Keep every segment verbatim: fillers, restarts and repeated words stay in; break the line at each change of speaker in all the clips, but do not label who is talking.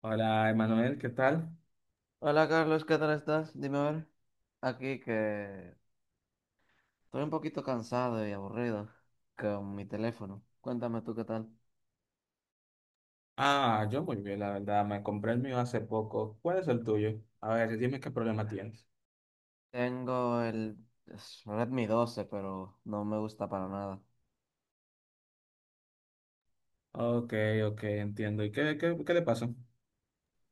Hola, Emanuel, ¿qué tal?
Hola Carlos, ¿qué tal estás? Dime a ver. Aquí que estoy un poquito cansado y aburrido con mi teléfono. Cuéntame tú qué tal.
Ah, yo muy bien, la verdad. Me compré el mío hace poco. ¿Cuál es el tuyo? A ver, dime qué problema tienes.
Tengo el es Redmi doce, pero no me gusta para nada.
Ok, ok, entiendo. ¿Y qué, qué, qué le pasó?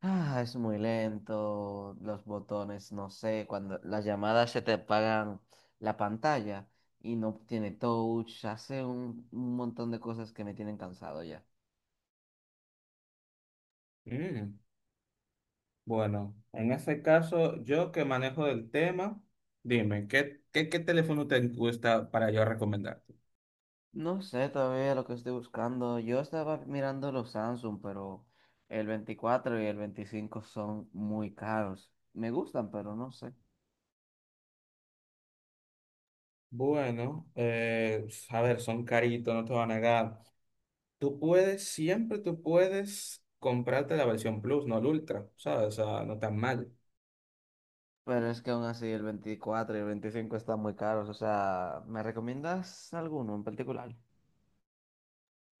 Ah, es muy lento, los botones, no sé, cuando las llamadas se te apagan la pantalla y no tiene touch, hace un, un montón de cosas que me tienen cansado ya.
Mm, bueno, en ese caso, yo que manejo del tema, dime, ¿qué, qué, qué teléfono te gusta para yo recomendarte?
No sé todavía lo que estoy buscando. Yo estaba mirando los Samsung, pero el veinticuatro y el veinticinco son muy caros. Me gustan, pero no sé.
Bueno, eh, a ver, son caritos, no te van a negar. Tú puedes, siempre tú puedes comprarte la versión Plus, no el Ultra, ¿sabes? O sea, no tan mal.
Pero es que aún así el veinticuatro y el veinticinco están muy caros. O sea, ¿me recomiendas alguno en particular?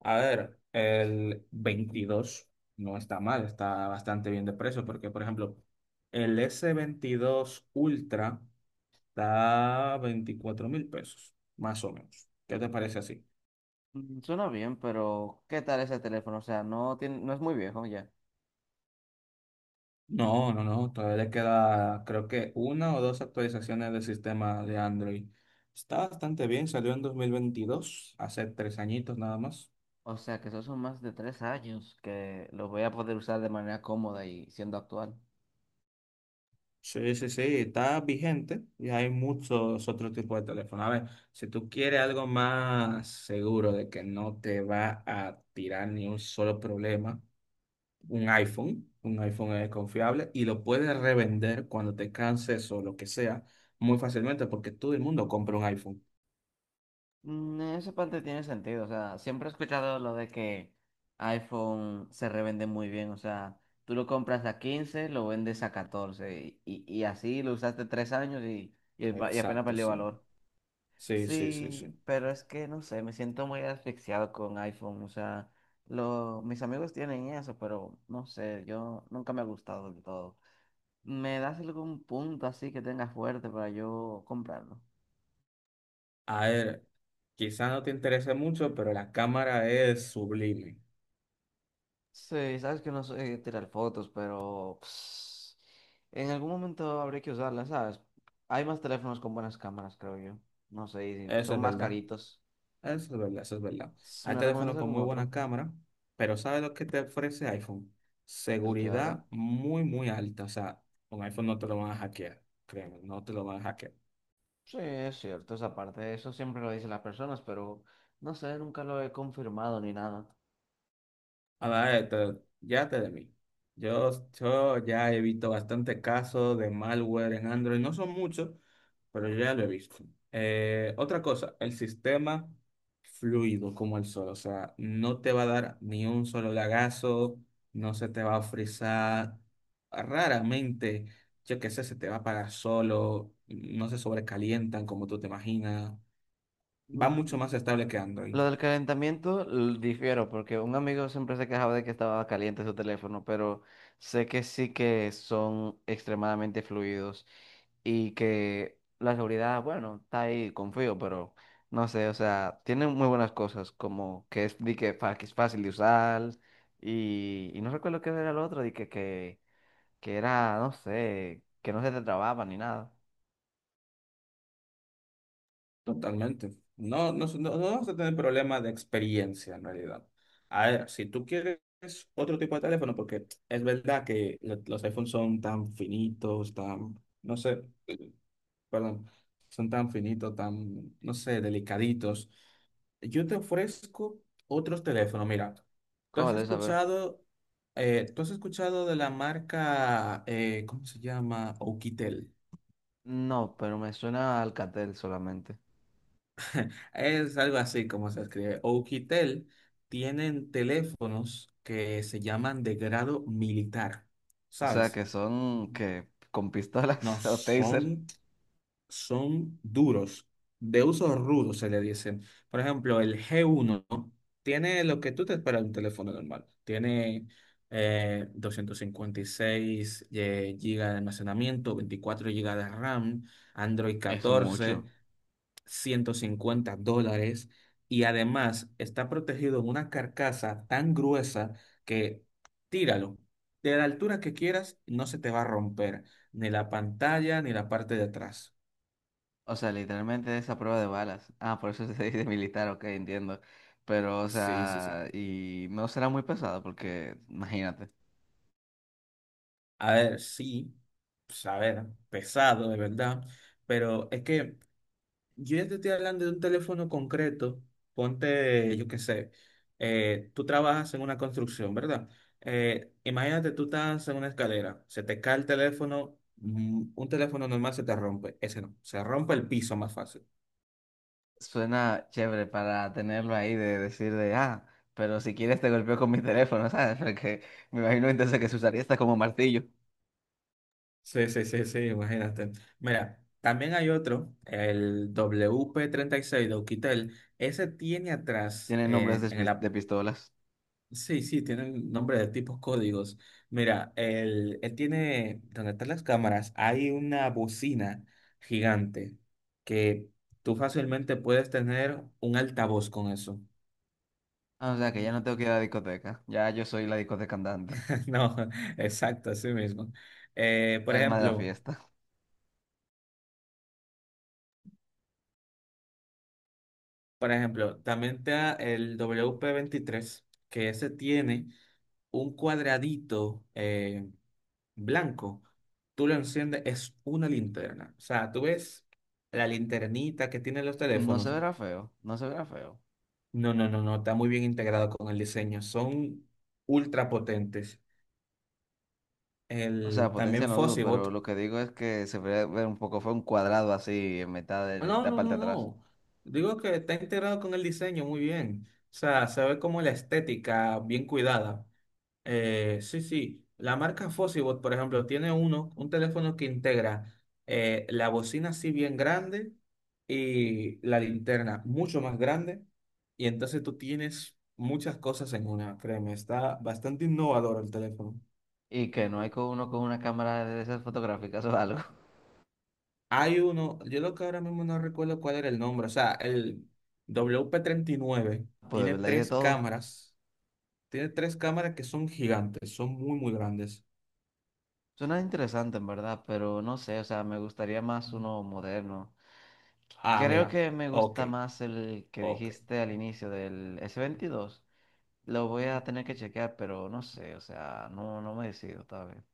A ver, el veintidós no está mal, está bastante bien de precio, porque, por ejemplo, el s veintidós Ultra está veinticuatro mil pesos, más o menos. ¿Qué te parece así?
Mm, suena bien, pero ¿qué tal ese teléfono? O sea, no tiene, no es muy viejo ya.
No, no, no, todavía le queda, creo que una o dos actualizaciones del sistema de Android. Está bastante bien, salió en dos mil veintidós, hace tres añitos nada más.
O sea, que esos son más de tres años que lo voy a poder usar de manera cómoda y siendo actual.
Sí, sí, sí, está vigente y hay muchos otros tipos de teléfono. A ver, si tú quieres algo más seguro de que no te va a tirar ni un solo problema, un iPhone, un iPhone es confiable y lo puedes revender cuando te canses o lo que sea muy fácilmente porque todo el mundo compra un iPhone.
Mm, en esa parte tiene sentido. O sea, siempre he escuchado lo de que iPhone se revende muy bien. O sea, tú lo compras a quince, lo vendes a catorce, y, y- y así lo usaste tres años y, y el va- y apenas
Exacto,
perdió
sí.
valor.
Sí, sí, sí, sí.
Sí, pero es que no sé, me siento muy asfixiado con iPhone. O sea, lo, mis amigos tienen eso, pero no sé, yo nunca me ha gustado del todo. ¿Me das algún punto así que tengas fuerte para yo comprarlo?
A ver, quizá no te interese mucho, pero la cámara es sublime.
Sí, sabes que no sé tirar fotos, pero pues, en algún momento habré que usarlas, ¿sabes? Hay más teléfonos con buenas cámaras, creo yo. No sé, y si
Eso
son
es
más
verdad.
caritos.
Ah, eso es verdad, eso es verdad.
S-
Hay
¿Me recomiendas
teléfonos con
algún
muy
otro?
buena cámara, pero ¿sabes lo que te ofrece iPhone?
El que hagan.
Seguridad muy, muy alta. O sea, un iPhone no te lo van a hackear, créeme, no te lo van a hackear.
Sí, es cierto, esa parte. Eso siempre lo dicen las personas, pero no sé, nunca lo he confirmado ni nada.
A ver, esto, ya te de mí. Yo, yo ya he visto bastantes casos de malware en Android. No son muchos, pero yo ya lo he visto. Eh, otra cosa, el sistema fluido como el sol. O sea, no te va a dar ni un solo lagazo, no se te va a frizar. Raramente, yo qué sé, se te va a apagar solo, no se sobrecalientan como tú te imaginas. Va
Mm.
mucho más estable que Android.
Lo del calentamiento l- difiero porque un amigo siempre se quejaba de que estaba caliente su teléfono, pero sé que sí que son extremadamente fluidos y que la seguridad, bueno, está ahí, confío, pero no sé. O sea, tiene muy buenas cosas como que es, di que, fa- que es fácil de usar y, y no recuerdo qué era lo otro, di que, que, que era, no sé, que no se te trababa ni nada.
Totalmente. No, no, no, no vas a tener problemas de experiencia en realidad. A ver, si tú quieres otro tipo de teléfono, porque es verdad que lo- los iPhones son tan finitos, tan, no sé, perdón, son tan finitos, tan, no sé, delicaditos. Yo te ofrezco otros teléfonos. Mira, tú has
¿Cómo de saber?
escuchado, eh, tú has escuchado de la marca, eh, ¿cómo se llama? Oukitel.
No, pero me suena a Alcatel solamente.
Es algo así como se escribe. Oukitel tienen teléfonos que se llaman de grado militar,
O sea,
¿sabes?
que son que con
No,
pistolas o taser
son, son duros, de uso rudo se le dicen. Por ejemplo, el G uno tiene lo que tú te esperas de un teléfono normal. Tiene eh, doscientos cincuenta y seis gigas de almacenamiento, veinticuatro gigas de RAM, Android
es
catorce,
mucho.
ciento cincuenta dólares, y además está protegido en una carcasa tan gruesa que tíralo. De la altura que quieras, no se te va a romper ni la pantalla ni la parte de atrás.
O sea, literalmente es a prueba de balas. Ah, por eso se dice militar. Ok, entiendo. Pero, o
Sí, sí, sí.
sea, y no será muy pesado porque, imagínate,
A ver, sí, pues, a ver, pesado de verdad, pero es que yo ya te estoy hablando de un teléfono concreto. Ponte, yo qué sé, eh, tú trabajas en una construcción, ¿verdad? Eh, imagínate, tú estás en una escalera, se te cae el teléfono, mm, un teléfono normal se te rompe, ese no, se rompe el piso más fácil.
suena chévere para tenerlo ahí de decir de, ah, pero si quieres te golpeo con mi teléfono, ¿sabes? Porque me imagino entonces que se usaría hasta como martillo.
Sí, sí, sí, sí, imagínate. Mira, también hay otro, el W P treinta y seis de Oukitel, ese tiene atrás,
Tienen nombres
eh,
de,
en el.
pis- de pistolas.
Sí, sí, tienen nombre de tipos códigos. Mira, él, él tiene, donde están las cámaras, hay una bocina gigante que tú fácilmente puedes tener un altavoz con eso.
Ah, o
Ah.
sea, que ya no tengo que ir a la discoteca. Ya yo soy la discoteca andante,
No, exacto, así mismo. Eh,
el
por
alma de la
ejemplo,
fiesta.
por ejemplo, también está el wp veintitrés que ese tiene un cuadradito eh, blanco, tú lo enciendes, es una linterna. O sea, tú ves la linternita que tienen los
No
teléfonos.
se verá feo, no se verá feo.
No, no, no, no, está muy bien integrado con el diseño. Son ultra potentes.
O sea,
El,
potencia
también
no dudo, pero
Fossibot.
lo que digo es que se verá ver un poco fue un cuadrado así en mitad de, de
No,
la
no,
parte
no,
de atrás.
no. Digo que está integrado con el diseño muy bien. O sea, se ve como la estética bien cuidada. Eh, sí, sí. La marca Fossibot, por ejemplo, tiene uno, un teléfono que integra eh, la bocina así bien grande y la linterna mucho más grande. Y entonces tú tienes muchas cosas en una, créeme. Está bastante innovador el teléfono.
Y que no hay con uno con una cámara de esas fotográficas o algo.
Hay uno, yo lo que ahora mismo no recuerdo cuál era el nombre, o sea, el wp nueve
Pues de
tiene
verdad hay de
tres
todo.
cámaras, tiene tres cámaras que son gigantes, son muy, muy grandes.
Suena interesante en verdad, pero no sé, o sea, me gustaría más uno moderno.
Ah,
Creo
mira.
que me
Ok,
gusta más el que
ok.
dijiste al inicio del S veintidós. Lo voy a tener que chequear, pero no sé, o sea, no, no me decido todavía.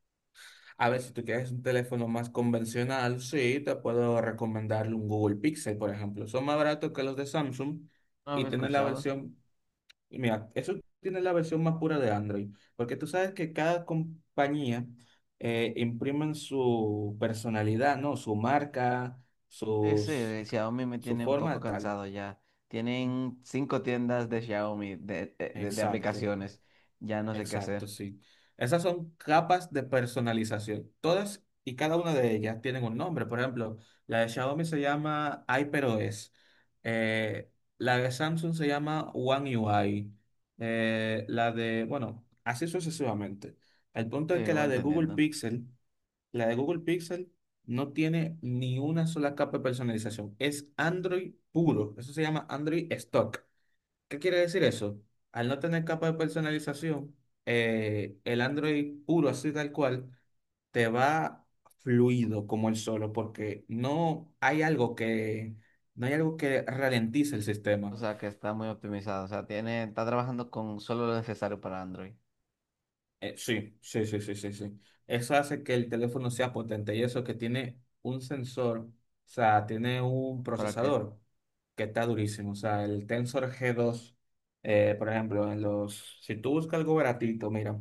A ver, si tú quieres un teléfono más convencional, sí, te puedo recomendar un Google Pixel, por ejemplo. Son más baratos que los de Samsung
No lo
y
había
tienen la
escuchado.
versión, y mira, eso tiene la versión más pura de Android, porque tú sabes que cada compañía eh, imprimen su personalidad, ¿no? Su marca,
Sí, sí,
sus,
el Xiaomi me
su
tiene un
forma
poco
de tal.
cansado ya. Tienen cinco tiendas de Xiaomi, de, de, de- de
Exacto.
aplicaciones. Ya no sé qué
Exacto,
hacer.
sí. Esas son capas de personalización. Todas y cada una de ellas tienen un nombre. Por ejemplo, la de Xiaomi se llama HyperOS. Eh, la de Samsung se llama One U I. Eh, la de, bueno, así sucesivamente. El punto es
Sí,
que
voy
la de Google
entendiendo.
Pixel, la de Google Pixel no tiene ni una sola capa de personalización. Es Android puro. Eso se llama Android Stock. ¿Qué quiere decir eso? Al no tener capa de personalización, eh, el Android puro, así tal cual, te va fluido como el solo, porque no hay algo que, no hay algo que ralentice el
O
sistema.
sea, que está muy optimizado. O sea, tiene, está trabajando con solo lo necesario para Android.
Eh, sí, sí, sí, sí, sí, sí. Eso hace que el teléfono sea potente y eso que tiene un sensor, o sea, tiene un
¿Para qué?
procesador que está durísimo. O sea, el Tensor g dos, eh, por ejemplo, en los, si tú buscas algo baratito, mira.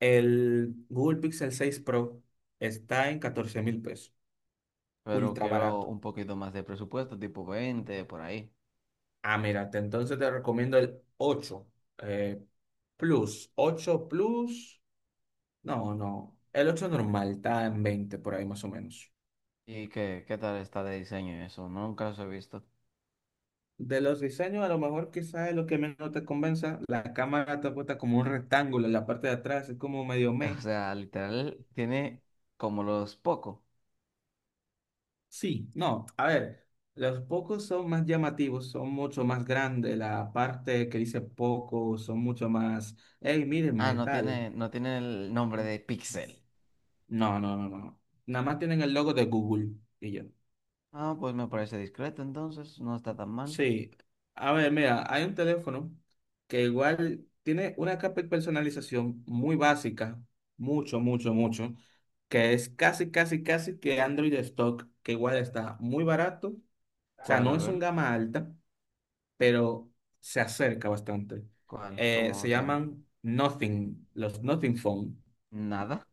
El Google Pixel seis Pro está en catorce mil pesos,
Pero
ultra
quiero
barato.
un poquito más de presupuesto, tipo veinte, por ahí.
Ah, mira, te- entonces te recomiendo el ocho eh, Plus. Ocho Plus, no, no. El ocho normal está en veinte por ahí más o menos.
¿Y qué, qué tal está de diseño eso? Nunca los he visto.
De los diseños, a lo mejor quizás es lo que menos te convenza. La cámara te apuesta como un rectángulo en la parte de atrás, es como medio
O
meh.
sea, literal, tiene como los Poco.
Sí, no, a ver, los pocos son más llamativos, son mucho más grandes, la parte que dice poco son mucho más, hey,
Ah,
mírenme,
no
tal.
tiene, no tiene el nombre de Pixel.
No, no, no, no. Nada más tienen el logo de Google y yo.
Ah, pues me parece discreto entonces, no está tan mal.
Sí, a ver, mira, hay un teléfono que igual tiene una capa de personalización muy básica, mucho, mucho, mucho, que es casi, casi, casi que Android de stock, que igual está muy barato, o sea,
¿Cuál?
no
A
es
ver,
un gama alta, pero se acerca bastante.
¿cuál?
Eh,
¿Cómo
se
se llama?
llaman Nothing, los Nothing Phone.
Nada.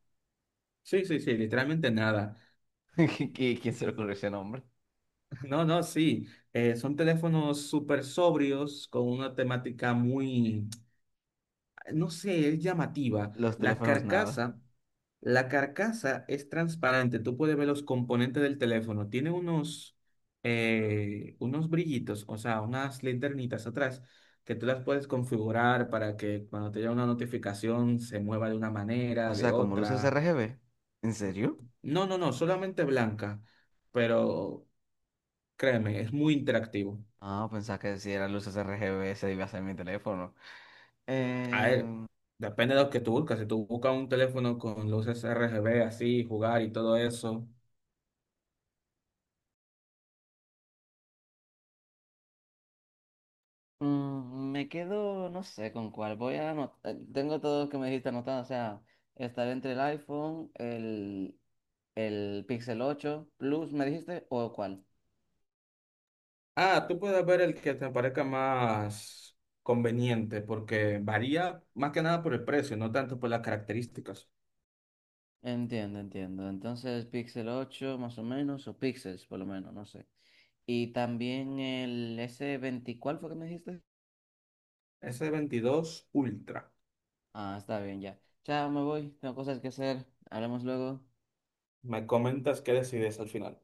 Sí, sí, sí, literalmente nada.
¿Qui- qui- ¿Quién se le ocurrió ese nombre?
No, no, sí. Eh, son teléfonos súper sobrios con una temática muy, no sé, es llamativa.
Los
La
teléfonos nada.
carcasa, la carcasa es transparente. Tú puedes ver los componentes del teléfono. Tiene unos, eh, unos brillitos, o sea, unas linternitas atrás que tú las puedes configurar para que cuando te llegue una notificación se mueva de una
O
manera, de
sea, como luces
otra.
R G B. ¿En serio?
No, no, no, solamente blanca. Pero créeme, es muy interactivo.
Ah, pensaba que si eran luces R G B se iba a ser mi teléfono.
A ver,
Eh,
depende de lo que tú buscas. Si tú buscas un teléfono con luces R G B así, jugar y todo eso.
mm, me quedo, no sé con cuál. Voy a anotar. Tengo todo lo que me dijiste anotado. O sea, estaré entre el iPhone, el, el Pixel ocho Plus, ¿me dijiste? ¿O cuál?
Ah, tú puedes ver el que te parezca más conveniente, porque varía más que nada por el precio, no tanto por las características.
Entiendo, entiendo. Entonces, Pixel ocho más o menos, o Pixels por lo menos, no sé. Y también el S veinte, ¿cuál fue que me dijiste?
S veintidós Ultra.
Ah, está bien, ya. Chao, me voy, tengo cosas que hacer. Hablamos luego.
Me comentas qué decides al final.